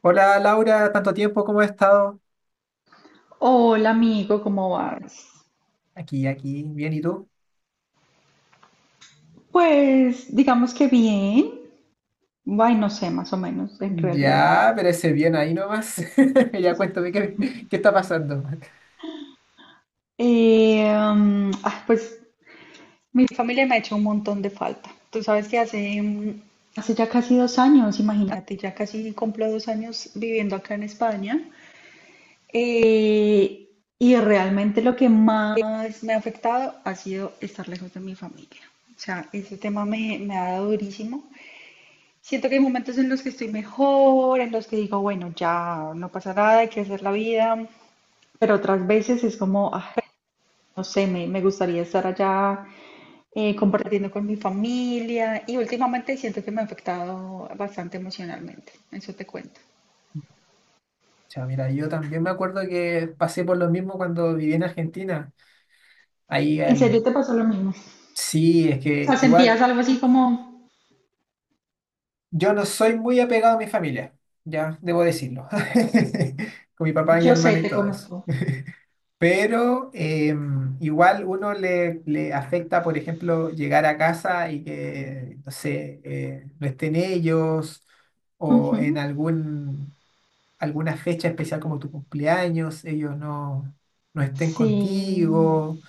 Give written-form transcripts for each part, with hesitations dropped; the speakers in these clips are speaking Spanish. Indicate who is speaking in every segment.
Speaker 1: Hola Laura, tanto tiempo, ¿cómo has estado?
Speaker 2: Hola amigo, ¿cómo vas?
Speaker 1: Aquí, bien, ¿y tú?
Speaker 2: Pues digamos que bien, ay no sé, más o menos en realidad.
Speaker 1: Ya, pero ese bien ahí nomás. Ya cuéntame qué, qué está pasando.
Speaker 2: Pues mi familia me ha hecho un montón de falta. Tú sabes que hace ya casi 2 años, imagínate, ya casi cumplo 2 años viviendo acá en España. Eh, y realmente lo que más me ha afectado ha sido estar lejos de mi familia. O sea, ese tema me ha dado durísimo. Siento que hay momentos en los que estoy mejor, en los que digo, bueno, ya no pasa nada, hay que hacer la vida, pero otras veces es como, no sé, me gustaría estar allá compartiendo con mi familia y últimamente siento que me ha afectado bastante emocionalmente, eso te cuento.
Speaker 1: Ya, mira, yo también me acuerdo que pasé por lo mismo cuando viví en Argentina. Ahí
Speaker 2: ¿En
Speaker 1: el...
Speaker 2: serio te pasó lo mismo?
Speaker 1: Sí, es
Speaker 2: O sea,
Speaker 1: que
Speaker 2: sentías
Speaker 1: igual
Speaker 2: algo así como,
Speaker 1: yo no soy muy apegado a mi familia, ya, debo decirlo. Con mi papá y
Speaker 2: yo sé,
Speaker 1: hermana y
Speaker 2: te
Speaker 1: todo eso.
Speaker 2: conozco.
Speaker 1: Pero igual uno le afecta, por ejemplo, llegar a casa y que, no sé, no estén ellos o en
Speaker 2: Ujú.
Speaker 1: alguna fecha especial como tu cumpleaños, ellos no, no estén
Speaker 2: Sí.
Speaker 1: contigo.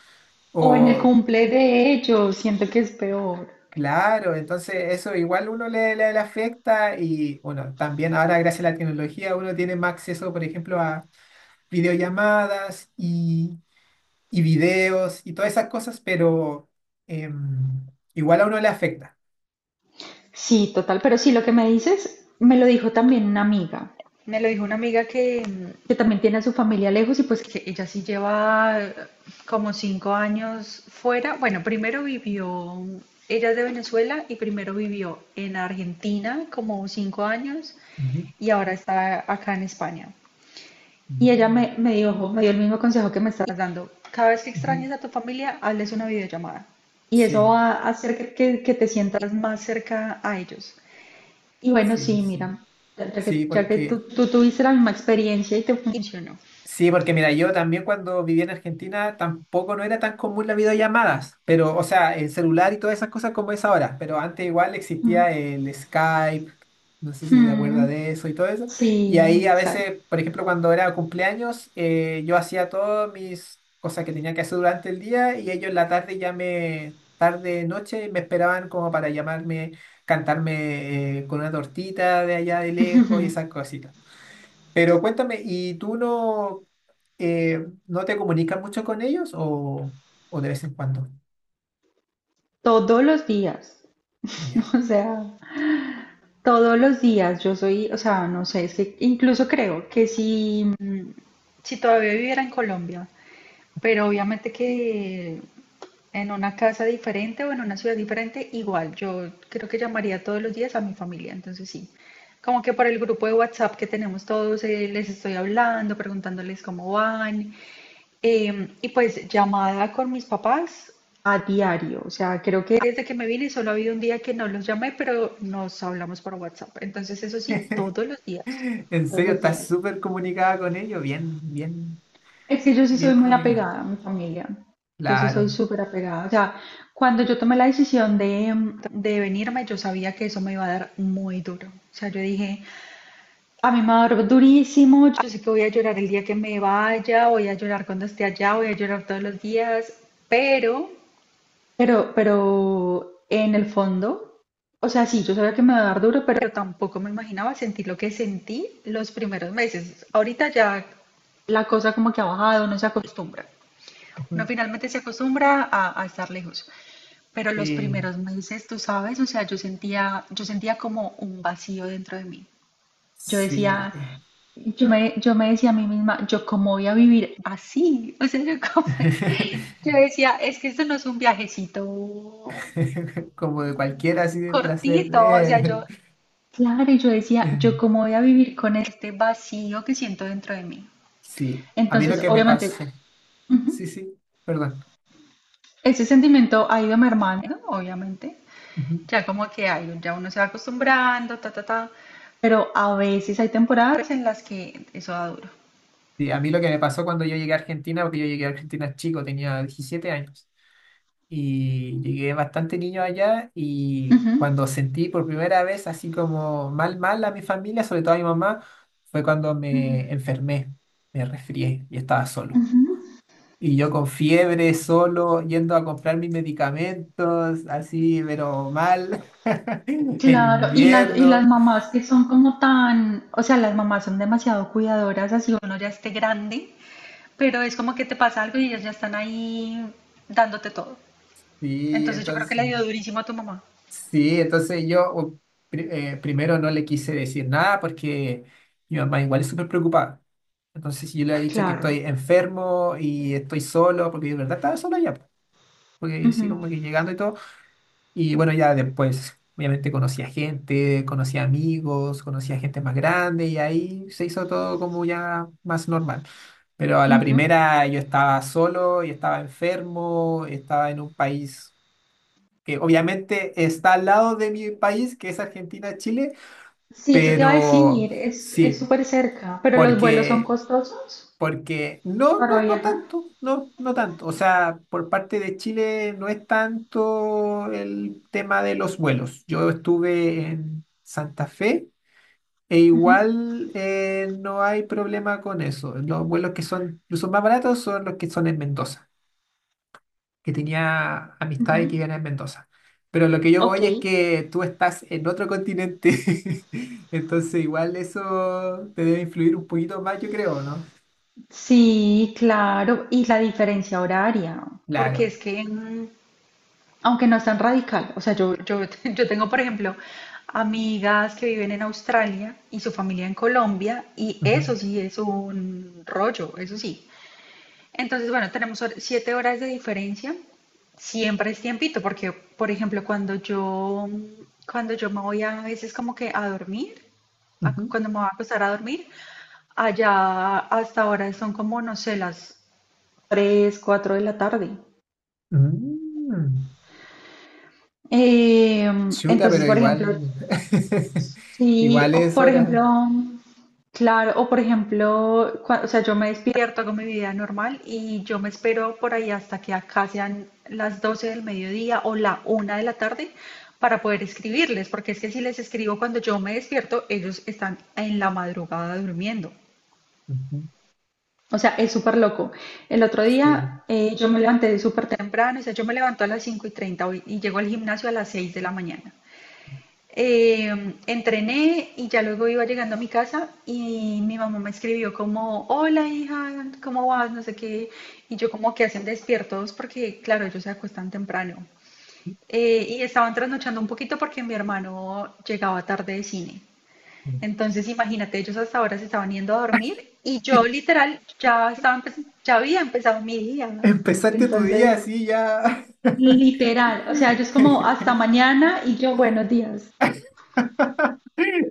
Speaker 2: O en el
Speaker 1: O,
Speaker 2: cumple de ellos, siento que es peor.
Speaker 1: claro, entonces eso igual uno le afecta y, bueno, también ahora gracias a la tecnología uno tiene más acceso, por ejemplo, a videollamadas y videos y todas esas cosas, pero em, igual a uno le afecta.
Speaker 2: Sí, total, pero sí, lo que me dices, me lo dijo también una amiga. Me lo dijo una amiga que también tiene a su familia lejos y pues que ella sí lleva como 5 años fuera. Bueno, primero vivió, ella es de Venezuela y primero vivió en Argentina como 5 años
Speaker 1: Ujú.
Speaker 2: y ahora está acá en España. Y ella me dio el mismo consejo que me estás dando, cada vez que
Speaker 1: Ujú.
Speaker 2: extraña, hazles una videollamada. Y eso
Speaker 1: Sí,
Speaker 2: va a hacer que te sientas más cerca a ellos. Y bueno,
Speaker 1: sí,
Speaker 2: sí,
Speaker 1: sí.
Speaker 2: mira, ya ya
Speaker 1: Sí,
Speaker 2: que, ya que tú,
Speaker 1: porque
Speaker 2: tú tuviste la misma experiencia y te funcionó.
Speaker 1: Sí, porque mira, yo también cuando vivía en Argentina tampoco no era tan común las videollamadas, pero, o sea, el celular y todas esas cosas como es ahora, pero antes igual
Speaker 2: Ujú.
Speaker 1: existía el Skype, no sé si te acuerdas
Speaker 2: Ujú.
Speaker 1: de eso y todo eso, y
Speaker 2: Sí,
Speaker 1: ahí a
Speaker 2: exacto.
Speaker 1: veces, por ejemplo, cuando era cumpleaños, yo hacía todas mis cosas que tenía que hacer durante el día y ellos en la tarde ya me, tarde, noche, me esperaban como para llamarme, cantarme con una tortita de allá de
Speaker 2: Ujú.
Speaker 1: lejos y esas cositas. Pero cuéntame, ¿y tú no, no te comunicas mucho con ellos o de vez en cuando?
Speaker 2: Todos los días,
Speaker 1: Ya.
Speaker 2: o sea, todos los días yo soy, o sea, no sé, es que incluso creo que si todavía viviera en Colombia, pero obviamente que en una casa diferente o en una ciudad diferente, igual, yo creo que llamaría todos los días a mi familia, entonces sí. Como que por el grupo de WhatsApp que tenemos todos, les estoy hablando, preguntándoles cómo van. Y pues llamada con mis papás a diario. O sea, creo que desde que me vine solo ha habido un día que no los llamé, pero nos hablamos por WhatsApp. Entonces, eso sí, todos los días.
Speaker 1: En
Speaker 2: Todos
Speaker 1: serio,
Speaker 2: los
Speaker 1: estás
Speaker 2: días.
Speaker 1: súper comunicada con ellos, bien, bien,
Speaker 2: Es que yo sí
Speaker 1: bien
Speaker 2: soy muy
Speaker 1: comunicada.
Speaker 2: apegada a mi familia. Yo sí soy
Speaker 1: Claro.
Speaker 2: súper apegada. O sea, cuando yo tomé la decisión de venirme, yo sabía que eso me iba a dar muy duro. O sea, yo dije, a mí me va a dar durísimo. Yo sé que voy a llorar el día que me vaya, voy a llorar cuando esté allá, voy a llorar todos los días, pero pero, pero, en el fondo, o sea, sí, yo sabía que me iba a dar duro, pero tampoco me imaginaba sentir lo que sentí los primeros meses. Ahorita ya la cosa como que ha bajado, no se acostumbra. No,
Speaker 1: Ujú.
Speaker 2: finalmente se acostumbra a estar lejos. Pero los
Speaker 1: Sí,
Speaker 2: primeros meses, tú sabes, o sea, yo sentía como un vacío dentro de mí. Yo
Speaker 1: sí.
Speaker 2: decía, yo me decía a mí misma, yo cómo voy a vivir así, o sea, yo cómo, yo decía, es que esto no es un viajecito
Speaker 1: Como de cualquiera, así de placer.
Speaker 2: cortito, o sea, yo, claro, y yo decía,
Speaker 1: Eh,
Speaker 2: ¿yo cómo voy a vivir con este vacío que siento dentro de mí?
Speaker 1: Sí, a mí lo
Speaker 2: Entonces,
Speaker 1: que me
Speaker 2: obviamente,
Speaker 1: pasó. Sí,
Speaker 2: ujú,
Speaker 1: sí, perdón.
Speaker 2: ese sentimiento ha ido mermando, obviamente.
Speaker 1: Ujú.
Speaker 2: Ya como que hay, ya uno se va acostumbrando, ta, ta, ta. Pero a veces hay temporadas en las que eso da duro.
Speaker 1: Sí, a mí lo que me pasó cuando yo llegué a Argentina, porque yo llegué a Argentina chico, tenía 17 años. Y llegué bastante niño allá y
Speaker 2: Ujú,
Speaker 1: cuando sentí por primera vez así como mal, mal a mi familia, sobre todo a mi mamá, fue cuando me enfermé, me resfrié y estaba solo.
Speaker 2: ujú.
Speaker 1: Y yo con fiebre, solo, yendo a comprar mis medicamentos, así, pero mal, en
Speaker 2: Claro, y las
Speaker 1: invierno.
Speaker 2: mamás que son como tan, o sea, las mamás son demasiado cuidadoras, así uno ya esté grande. Pero es como que te pasa algo y ellas ya están ahí dándote todo.
Speaker 1: Y
Speaker 2: Entonces yo creo que
Speaker 1: entonces,
Speaker 2: le dio durísimo a tu mamá.
Speaker 1: Sí, entonces primero no le quise decir nada porque mi mamá igual es súper preocupada. Entonces yo le he dicho que estoy
Speaker 2: Claro.
Speaker 1: enfermo y estoy solo, porque yo de verdad estaba solo ya, po, porque sí,
Speaker 2: Ujú,
Speaker 1: como que llegando y todo. Y bueno, ya después, obviamente conocí a gente, conocí a amigos, conocí a gente más grande y ahí se hizo todo como ya más normal. Pero a la
Speaker 2: ujú.
Speaker 1: primera yo estaba solo y estaba enfermo, estaba en un país que obviamente está al lado de mi país, que es Argentina, Chile,
Speaker 2: Sí, eso te iba a
Speaker 1: pero
Speaker 2: decir, es
Speaker 1: sí,
Speaker 2: súper cerca, pero los vuelos son
Speaker 1: porque,
Speaker 2: costosos
Speaker 1: porque
Speaker 2: para
Speaker 1: no
Speaker 2: viajar.
Speaker 1: tanto, no tanto. O sea, por parte de Chile no es tanto el tema de los vuelos. Yo estuve en Santa Fe e
Speaker 2: Ujú,
Speaker 1: igual no hay problema con eso. Los vuelos que son, los más baratos son los que son en Mendoza, que tenía amistades que
Speaker 2: ujú.
Speaker 1: vivían en Mendoza. Pero lo que yo
Speaker 2: Ok.
Speaker 1: voy es que tú estás en otro continente, entonces igual eso te debe influir un poquito más, yo creo, ¿no?
Speaker 2: Sí, claro, y la diferencia horaria. Porque es
Speaker 1: Claro.
Speaker 2: que aunque no es tan radical. O sea, yo tengo, por ejemplo, amigas que viven en Australia y su familia en Colombia, y
Speaker 1: Ujú,
Speaker 2: eso sí es un rollo, eso sí. Entonces, bueno, tenemos 7 horas de diferencia. Siempre es tiempito, porque, por ejemplo, cuando yo me voy a, veces como que a dormir,
Speaker 1: ujú.
Speaker 2: cuando me voy a acostar a dormir, allá hasta ahora son como, no sé, las 3, 4 de la tarde.
Speaker 1: Mm.
Speaker 2: Eh,
Speaker 1: Chuta,
Speaker 2: entonces,
Speaker 1: pero
Speaker 2: por ejemplo,
Speaker 1: igual,
Speaker 2: sí,
Speaker 1: igual
Speaker 2: o
Speaker 1: es
Speaker 2: por
Speaker 1: hora.
Speaker 2: ejemplo, claro, o por ejemplo, o sea, yo me despierto, hago mi vida normal y yo me espero por ahí hasta que acá sean las 12 del mediodía o la 1 de la tarde para poder escribirles, porque es que si les escribo cuando yo me despierto, ellos están en la madrugada durmiendo.
Speaker 1: Ujú,
Speaker 2: O sea, es súper loco. El otro día
Speaker 1: sí.
Speaker 2: yo me levanté súper temprano, o sea, yo me levanto a las 5:30 y llego al gimnasio a las 6 de la mañana. Eh, Entrené y ya luego iba llegando a mi casa y mi mamá me escribió como, hola hija, ¿cómo vas? No sé qué. Y yo como que hacen despiertos porque, claro, ellos se acuestan temprano. Y estaban trasnochando un poquito porque mi hermano llegaba tarde de cine. Entonces, imagínate, ellos hasta ahora se estaban yendo a dormir y yo literal ya estaba ya había empezado mi día. ¿No?
Speaker 1: Empezaste tu día
Speaker 2: Entonces,
Speaker 1: así ya.
Speaker 2: literal, o sea, ellos como hasta mañana y yo buenos días.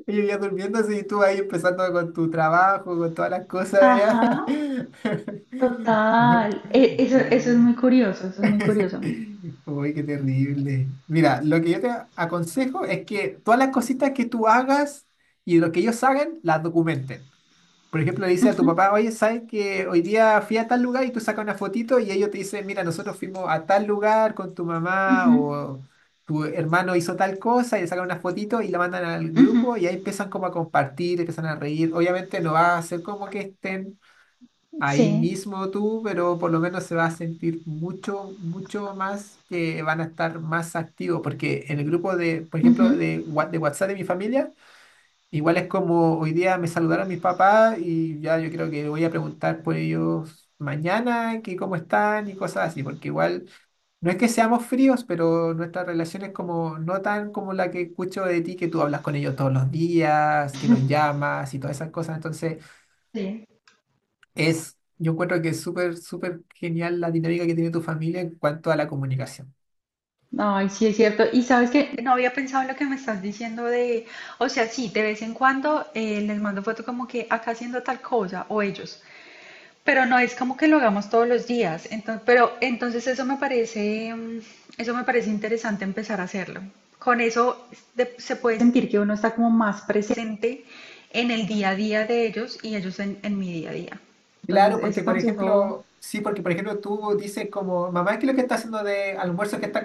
Speaker 1: Y yo ya durmiendo así, y tú ahí empezando con tu trabajo, con todas las cosas
Speaker 2: Ajá.
Speaker 1: ya.
Speaker 2: Total, eso, eso es
Speaker 1: Uy,
Speaker 2: muy curioso, eso es muy curioso.
Speaker 1: uy, qué terrible. Mira, lo que yo te aconsejo es que todas las cositas que tú hagas y lo que ellos hagan, las documenten. Por ejemplo, le dices a tu
Speaker 2: Ujú,
Speaker 1: papá, oye, ¿sabes que hoy día fui a tal lugar y tú sacas una fotito y ellos te dicen, mira, nosotros fuimos a tal lugar con tu
Speaker 2: ujú,
Speaker 1: mamá o tu hermano hizo tal cosa y le sacan una fotito y la mandan al
Speaker 2: ujú.
Speaker 1: grupo y ahí empiezan como a compartir, empiezan a reír? Obviamente no va a ser como que estén ahí
Speaker 2: Sí,
Speaker 1: mismo tú, pero por lo menos se va a sentir mucho, mucho más que van a estar más activos porque en el grupo de, por
Speaker 2: ujú,
Speaker 1: ejemplo, de, de WhatsApp de mi familia. Igual es como hoy día me saludaron mis papás y ya yo creo que voy a preguntar por ellos mañana, que cómo están y cosas así, porque igual no es que seamos fríos, pero nuestra relación es como no tan como la que escucho de ti, que tú hablas con ellos todos los días, que los llamas y todas esas cosas. Entonces
Speaker 2: sí.
Speaker 1: es, yo encuentro que es súper, súper genial la dinámica que tiene tu familia en cuanto a la comunicación.
Speaker 2: Ay, sí, es cierto. Y sabes que no había pensado en lo que me estás diciendo de, o sea, sí, de vez en cuando les mando foto como que acá haciendo tal cosa, o ellos, pero no es como que lo hagamos todos los días. Entonces, pero entonces eso me parece, eso me parece interesante empezar a hacerlo. Con eso se puede sentir que uno está como más presente en el día a día de ellos y ellos en mi día a día. Entonces,
Speaker 1: Claro,
Speaker 2: ese
Speaker 1: porque por
Speaker 2: consejo,
Speaker 1: ejemplo, sí, porque por ejemplo tú dices como, mamá, ¿qué es lo que está haciendo de almuerzo que está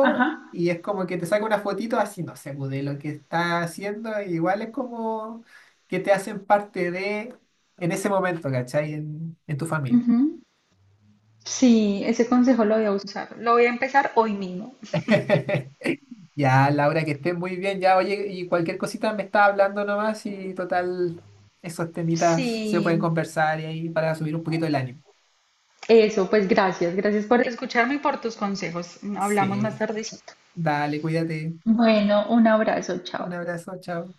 Speaker 2: ajá,
Speaker 1: Y es como que te saca una fotito así, no sé, pues, de lo que está haciendo, e igual es como que te hacen parte de, en ese momento, ¿cachai? En tu familia.
Speaker 2: ujú. Sí, ese consejo lo voy a usar. Lo voy a empezar hoy mismo.
Speaker 1: Ya, Laura, que estés muy bien, ya, oye, y cualquier cosita me está hablando nomás y total, esos
Speaker 2: Sí,
Speaker 1: temitas se pueden conversar y ahí para subir un poquito el ánimo.
Speaker 2: eso, pues gracias, gracias por escucharme y por tus consejos. Hablamos más
Speaker 1: Sí,
Speaker 2: tardecito.
Speaker 1: dale, cuídate.
Speaker 2: Bueno, un abrazo, chao.
Speaker 1: Un abrazo, chao.